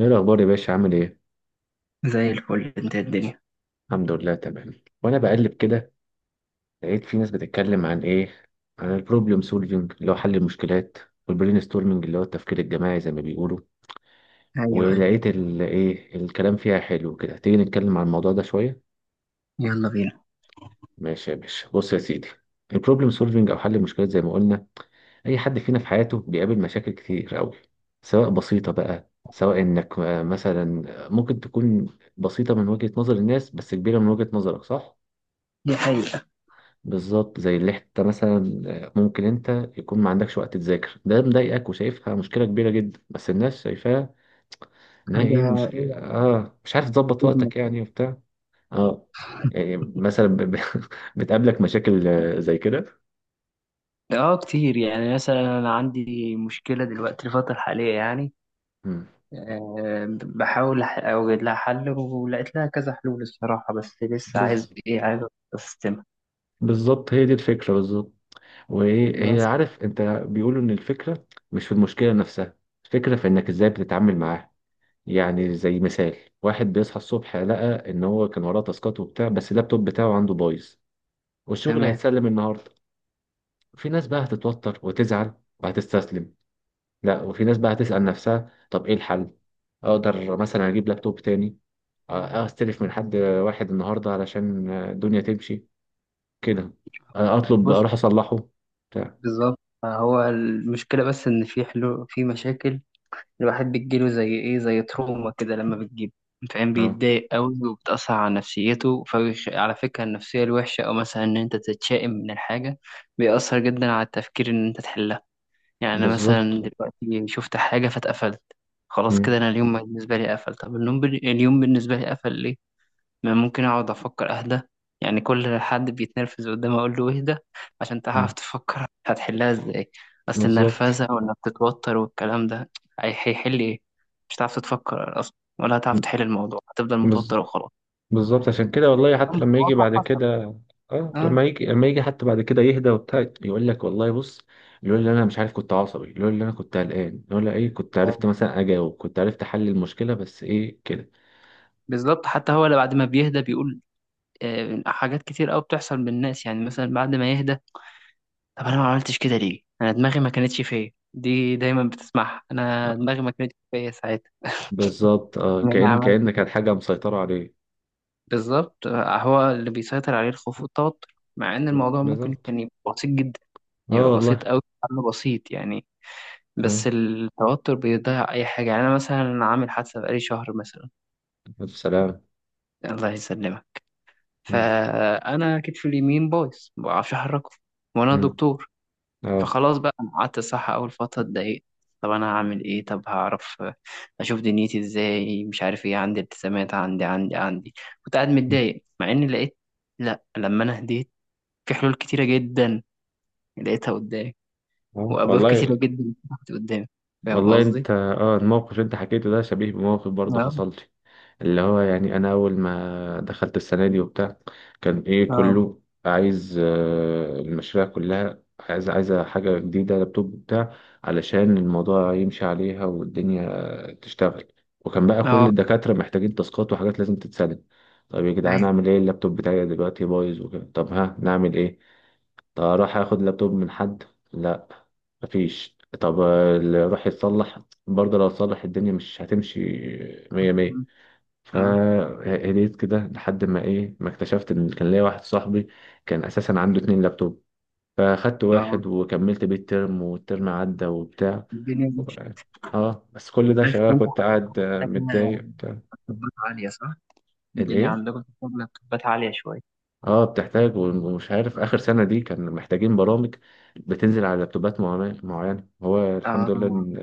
ايه الاخبار يا باشا؟ عامل ايه؟ زي الفل، انت؟ الدنيا؟ الحمد لله، تمام. وانا بقلب كده، لقيت في ناس بتتكلم عن ايه، عن البروبلم سولفينج اللي هو حل المشكلات، والبرين ستورمنج اللي هو التفكير الجماعي زي ما بيقولوا. ايوه، ايوه. ولقيت ال ايه، الكلام فيها حلو كده. تيجي نتكلم عن الموضوع ده شويه؟ يلا بينا. ماشي يا باشا، بص يا سيدي. البروبلم سولفينج او حل المشكلات زي ما قلنا، اي حد فينا في حياته بيقابل مشاكل كتير قوي. سواء بسيطه بقى، سواء انك مثلا ممكن تكون بسيطه من وجهه نظر الناس، بس كبيره من وجهه نظرك، صح؟ دي حقيقة. بالظبط، زي اللي انت مثلا ممكن انت يكون ما عندكش وقت تذاكر، ده مضايقك وشايفها مشكله كبيره جدا، بس الناس شايفاها انها ايه، حاجة مش ايه، مش عارف تظبط ابنك وقتك كده؟ يعني وبتاع. اه. يعني مثلا بتقابلك مشاكل زي كده. اه، كتير. يعني مثلا انا عندي مشكلة دلوقتي الفترة الحالية يعني، مم. بحاول اوجد لها حل ولقيت لها كذا حلول الصراحة، بس لسه عايز بز... ايه، عايز استمع. بالظبط، هي دي الفكره بالظبط. وهي بس. عارف انت بيقولوا ان الفكره مش في المشكله نفسها، الفكره في انك ازاي بتتعامل معاها. يعني زي مثال، واحد بيصحى الصبح، لقى ان هو كان وراه تاسكات وبتاع، بس اللابتوب بتاعه عنده بايظ، والشغل تمام. هيتسلم النهارده. في ناس بقى هتتوتر وتزعل، وهتستسلم. لا، وفي ناس بقى هتسأل نفسها، طب ايه الحل؟ اقدر مثلا اجيب لابتوب تاني؟ استلف من حد واحد النهارده علشان الدنيا تمشي كده، اطلب بص. اروح اصلحه، بتاع. بالظبط. هو المشكلة بس ان في حلول في مشاكل، الواحد بتجيله زي ايه، زي تروما كده لما بتجيب، فاهم؟ اه، بيتضايق قوي وبتأثر على نفسيته، على فكرة النفسية الوحشة أو مثلا إن أنت تتشائم من الحاجة بيأثر جدا على التفكير إن أنت تحلها. يعني أنا مثلا بالظبط. دلوقتي شفت حاجة فاتقفلت، خلاص كده مم. أنا اليوم بالنسبة لي قفل. طب اليوم بالنسبة لي قفل ليه؟ ما ممكن اقعد افكر، اهدى. يعني كل حد بيتنرفز قدامي اقول له اهدى عشان تعرف مم. تفكر هتحلها ازاي. اصل بالظبط. النرفزه، وانك تتوتر والكلام ده، هيحل ايه؟ مش هتعرف تفكر اصلا، ولا هتعرف تحل الموضوع، هتفضل متوتر بز- وخلاص. بالظبط، عشان كده والله، حتى أمر لما يجي الواقع بعد حصل. كده، اه، اه، لما يجي حتى بعد كده يهدى وبتاع، يقول لك والله بص. يقول لي انا مش عارف، كنت عصبي. يقول لي انا كنت قلقان. يقول لي ايه، كنت عرفت مثلا اجاوب، كنت عرفت احل المشكله، بس ايه كده. بالظبط. حتى هو اللي بعد ما بيهدى بيقول حاجات كتير قوي بتحصل بالناس يعني، مثلا بعد ما يهدى: طب انا ما عملتش كده ليه؟ انا دماغي ما كانتش فيا. دي دايما بتسمعها: انا آه، دماغي ما كانتش فيا ساعتها. بالظبط. اه، انا كأن عملت كأن كانت حاجه مسيطره عليه. بالظبط. هو اللي بيسيطر عليه الخوف والتوتر، مع ان الموضوع ممكن بالظبط. كان يبقى بسيط جدا، اه، يبقى بسيط والله. أوي، حل بسيط يعني. اه، بس التوتر بيضيع أي حاجة. يعني أنا مثلا عامل حادثة بقالي شهر مثلا. الف سلامه. الله يسلمك. مم. فأنا كتفي اليمين بايظ، مبعرفش أحركه، وأنا مم. دكتور. اه. فخلاص بقى، أنا قعدت الصح أول فترة اتضايقت: طب أنا هعمل إيه؟ طب هعرف أشوف دنيتي إزاي؟ مش عارف إيه، عندي التزامات، عندي، عندي، عندي. كنت قاعد مم. متضايق، مع إني لقيت. لأ، لما أنا هديت، في حلول كتيرة جدا لقيتها قدامي، اه، وأبواب كتيرة والله. جدا فتحت قدامي. فاهم والله قصدي؟ انت، الموقف اللي انت حكيته ده شبيه بموقف برضه اه، حصل لي. اللي هو يعني انا، اول ما دخلت السنه دي وبتاع، كان ايه، اه، كله عايز المشاريع كلها عايزه حاجه جديده، لابتوب بتاع، علشان الموضوع يمشي عليها والدنيا تشتغل. وكان بقى كل اه، الدكاتره محتاجين تاسكات وحاجات لازم تتسلم. طب يا جدعان، ايوه، اعمل ايه؟ اللابتوب بتاعي دلوقتي بايظ وكده، طب ها نعمل ايه؟ طب اروح اخد لابتوب من حد؟ لا. مفيش. طب اللي راح يتصلح برضه لو اتصلح، الدنيا مش هتمشي مية اه، مية. اه، فهديت كده لحد ما ايه، ما اكتشفت ان كان ليا واحد صاحبي، كان اساسا عنده اتنين لابتوب، فاخدت آه. واحد وكملت بيه الترم، والترم عدى وبتاع. الدنيا و- مش. اه، بس كل أنا ده عارف شغال إن انت كنت حضرتك قاعد محتاجة متضايق بتاع. لابتوبات عالية، صح؟ الدنيا الايه؟ عندكم محتاجة لابتوبات عالية شوية. اه، بتحتاج، ومش عارف، اخر اه. سنه دي كان محتاجين برامج بتنزل على لابتوبات معينه معينة. هو الحمد لله آه. ان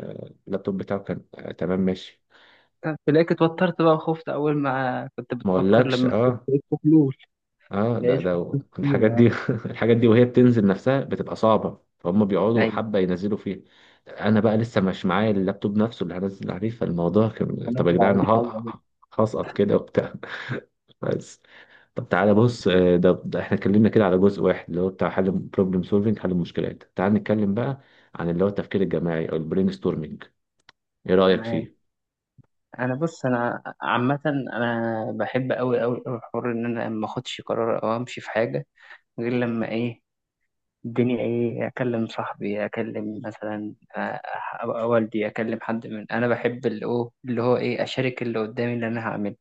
اللابتوب بتاعه كان تمام ماشي. تلاقيك اتوترت بقى وخفت أول ما كنت ما بتفكر، اقولكش، لما اه. لقيت في حلول، اه، ده لقيت في ده حلول الحاجات كتيرة دي يعني. الحاجات دي وهي بتنزل نفسها بتبقى صعبة، فهم بيقعدوا أيوه. حبة ينزلوا فيها. انا بقى لسه مش معايا اللابتوب نفسه اللي هنزل عليه، فالموضوع كان طب يا هنزل على جدعان انا الحاجة دي. هسقط كده وبتاع بس. طب تعالى بص، ده احنا اتكلمنا كده على جزء واحد اللي هو بتاع حل بروبلم سولفنج حل المشكلات. تعال نتكلم بقى عن اللي هو التفكير الجماعي او البرين ستورمنج، ايه رأيك تمام. فيه؟ انا، بص، انا عامه انا بحب قوي قوي قوي حوار ان انا ما اخدش قرار او امشي في حاجه غير لما ايه، الدنيا ايه، اكلم صاحبي، اكلم مثلا، والدي، اكلم حد من، انا بحب اللي هو ايه، اشارك اللي قدامي اللي انا هعمله،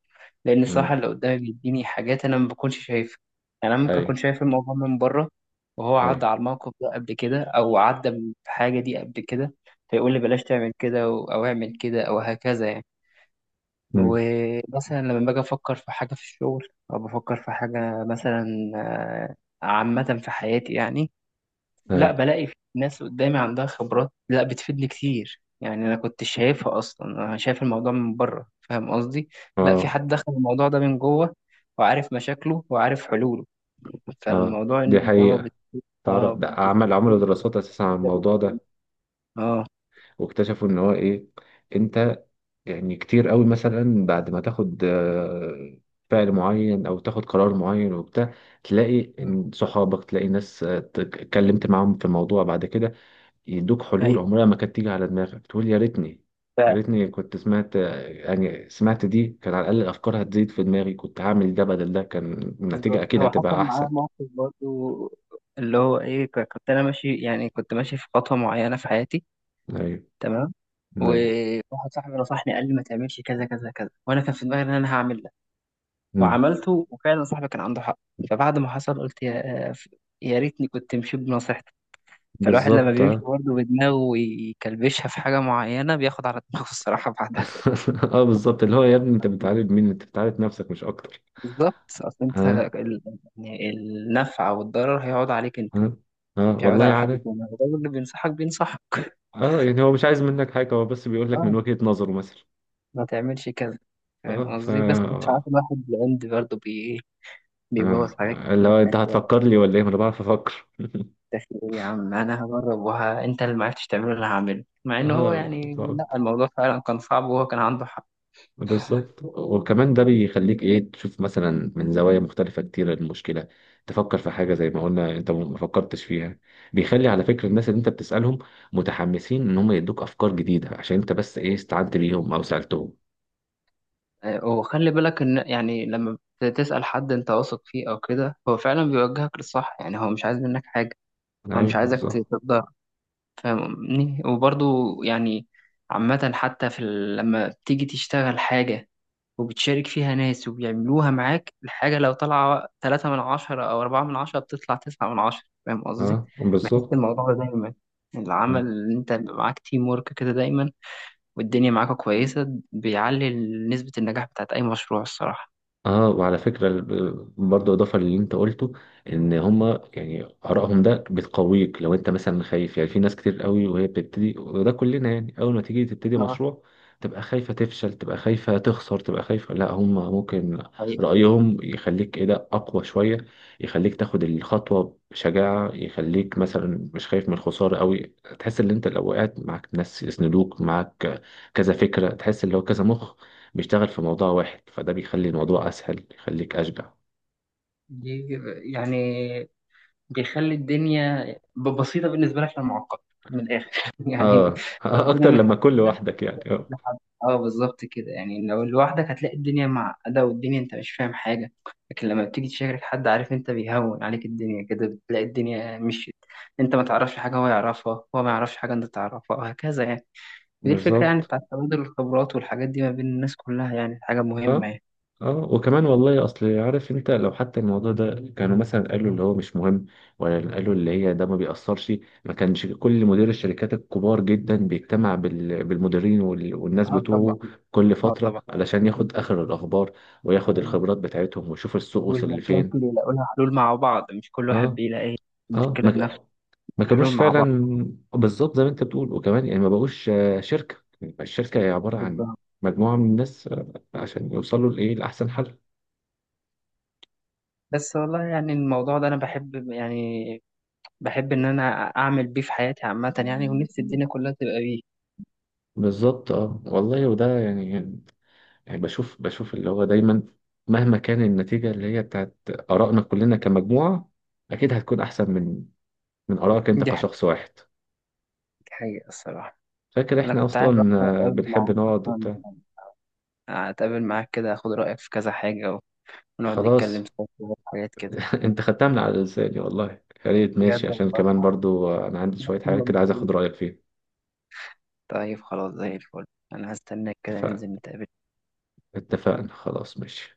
لان مم. الصراحه اللي قدامي بيديني حاجات انا ما بكونش شايفها. يعني انا ممكن اكون ايوه. شايف الموضوع من بره، وهو ايوه. عدى على الموقف ده قبل كده او عدى بحاجه دي قبل كده، فيقول لي بلاش تعمل كده او اعمل كده او هكذا يعني. مم. ومثلا لما باجي افكر في حاجه في الشغل او بفكر في حاجه مثلا، آه، عامه في حياتي يعني، لا ايوه. بلاقي في ناس قدامي عندها خبرات، لا بتفيدني كتير يعني، انا كنت شايفها اصلا؟ انا شايف الموضوع من بره، فاهم قصدي؟ لا، في اه. حد دخل الموضوع ده من جوه وعارف مشاكله وعارف حلوله. اه، فالموضوع دي ان هو حقيقة. تعرف، اه ده عملوا دراسات اساسا عن ده الموضوع بيتعلم. ده، اه. واكتشفوا ان هو ايه، انت، يعني كتير قوي مثلا بعد ما تاخد فعل معين او تاخد قرار معين وبتاع، تلاقي مم. ان صحابك، تلاقي ناس اتكلمت معاهم في الموضوع بعد كده، يدوك حلول ايوه، عمرها ما كانت تيجي على دماغك، تقول يا ريتني كنت سمعت يعني سمعت، دي كان على الاقل الافكار هتزيد في دماغي، كنت هعمل ده بدل ده، كان النتيجة بالظبط. اكيد هو حصل هتبقى معايا احسن. موقف برضو، اللي هو ايه، كنت انا ماشي. يعني كنت ماشي في خطوه معينه في حياتي، ايوه. تمام، ايوه. وواحد صاحبي نصحني قال لي ما تعملش كذا كذا كذا، وانا كان في دماغي ان انا هعمل ده، مم. وعملته، وفعلا صاحبي كان عنده حق. فبعد ما حصل قلت يا ريتني كنت مشيت بنصيحته. فالواحد لما بالظبط. بيمشي برضه بدماغه ويكلبشها في حاجه معينه بياخد على دماغه الصراحه بعدها. اه، بالظبط. اللي هو يا ابني، انت بتعالج مين؟ انت بتعالج نفسك مش اكتر. بالظبط. اصل انت ها. ال- يعني النفع والضرر هيقعد عليك انت. ها. ها، يعود والله على حد عارف. تاني؟ الراجل اللي بينصحك بينصحك. اه، يعني هو مش عايز منك حاجه، هو بس بيقول لك من اه، وجهه نظره مثلا. ما تعملش كذا. فاهم اه، ف، قصدي؟ بس مش عارف، الواحد العند برضه بي إيه، بيبوظ اه، حاجات اللي كتير في هو حياة انت الواحد. هتفكر لي ولا ايه؟ ما انا بعرف افكر داخل ايه يا عم، انا هجرب انت اللي معرفتش تعمله اللي هعمله، مع ان هو يعني اه، لا الموضوع فعلا كان صعب وهو كان عنده حق. بالظبط. وكمان ده بيخليك ايه، تشوف مثلا من زوايا مختلفة كتير المشكلة، تفكر في حاجة زي ما قلنا انت ما فكرتش فيها. بيخلي، على فكرة، الناس اللي انت بتسألهم متحمسين ان هم يدوك افكار جديدة، عشان انت بس ايه، استعنت بيهم او سألتهم. وخلي بالك ان يعني لما بتسأل حد انت واثق فيه او كده، هو فعلا بيوجهك للصح، يعني هو مش عايز منك حاجة. هو ايوه، مش عايزك بالظبط. تقدر فاهمني؟ وبرضه يعني عامة حتى في لما بتيجي تشتغل حاجة وبتشارك فيها ناس وبيعملوها معاك، الحاجة لو طالعة 3 من 10 أو 4 من 10، بتطلع 9 من 10. فاهم قصدي؟ اه، بحس بالظبط. الموضوع ده دايما، العمل اللي أنت بيبقى معاك تيم ورك كده دايما والدنيا معاك كويسة، بيعلي نسبة النجاح بتاعت أي مشروع الصراحة. اه، وعلى فكرة، برضه اضافة للي انت قلته، ان هما يعني ارائهم ده بتقويك لو انت مثلا خايف. يعني في ناس كتير قوي وهي بتبتدي، وده كلنا يعني، اول ما تيجي تبتدي اه، مشروع تبقى خايفة تفشل، تبقى خايفة تخسر، تبقى خايفة. لا، هما ممكن حقيقي. رأيهم يخليك ايه، ده اقوى شوية. يخليك تاخد الخطوة بشجاعة، يخليك مثلا مش خايف من الخسارة قوي، تحس ان انت لو وقعت معاك ناس يسندوك معاك. كذا فكرة، تحس ان هو كذا مخ بيشتغل في موضوع واحد، فده بيخلي الموضوع اسهل، بيخليك اشجع. دي يعني بيخلي الدنيا بسيطة بالنسبة لك، للمعقد من الآخر يعني. اه الدنيا اكتر لما تكون متعقدة لوحدك يعني، اه. لحد- اه، بالظبط كده، يعني لو لوحدك هتلاقي الدنيا معقدة والدنيا انت مش فاهم حاجة، لكن لما بتيجي تشارك حد عارف، انت بيهون عليك الدنيا كده، بتلاقي الدنيا مشيت. انت ما تعرفش حاجة هو يعرفها، هو ما يعرفش حاجة انت تعرفها، وهكذا يعني. ودي الفكرة يعني، بالظبط. بتاعت تبادل الخبرات والحاجات دي ما بين الناس، كلها يعني حاجة مهمة اه. يعني. اه، وكمان والله، اصل عارف انت لو حتى الموضوع ده كانوا مثلا قالوا اللي هو مش مهم، ولا قالوا اللي هي ده ما بيأثرش، ما كانش كل مدير الشركات الكبار جدا بيجتمع بالمديرين والناس اه، طبعا. بتوعه كل اه، فترة، طبعا. علشان ياخد اخر الاخبار، وياخد الخبرات بتاعتهم ويشوف السوق وصل والمشاكل لفين. يلاقوا لها حلول مع بعض، مش كل واحد اه، بيلاقي اه المشكلة بنفسه، ما الحلول كانوش مع فعلا بعض، بالظبط زي ما انت بتقول. وكمان يعني ما بقوش شركه، الشركه هي عباره عن بالظبط. مجموعه من الناس عشان يوصلوا لايه، لاحسن حل. بس والله، يعني الموضوع ده انا بحب يعني، بحب إن أنا أعمل بيه في حياتي عامة يعني، ونفسي الدنيا كلها تبقى بيه. بالظبط. اه، والله، وده يعني، يعني بشوف اللي هو دايما، مهما كان النتيجه اللي هي بتاعت ارائنا كلنا كمجموعه، اكيد هتكون احسن من ارائك انت دي حاجة. كشخص واحد. حاجة الصراحة. فاكر أنا احنا كنت عايز اصلا أصلا أتقابل بنحب معاك نقعد أصلا، وبتاع. أتقابل معاك كده، أخد رأيك في كذا حاجة، ونقعد خلاص، نتكلم سوا في حاجات كده. انت خدتها من على لساني والله. يا ريت، ماشي، بجد عشان والله، كمان برضو انا عندي شوية كنا حاجات كده عايز بنتقابل. اخد رأيك فيها. طيب خلاص، زي الفل. أنا هستناك كده، اتفقنا. ننزل نتقابل. اتفقنا، خلاص، ماشي.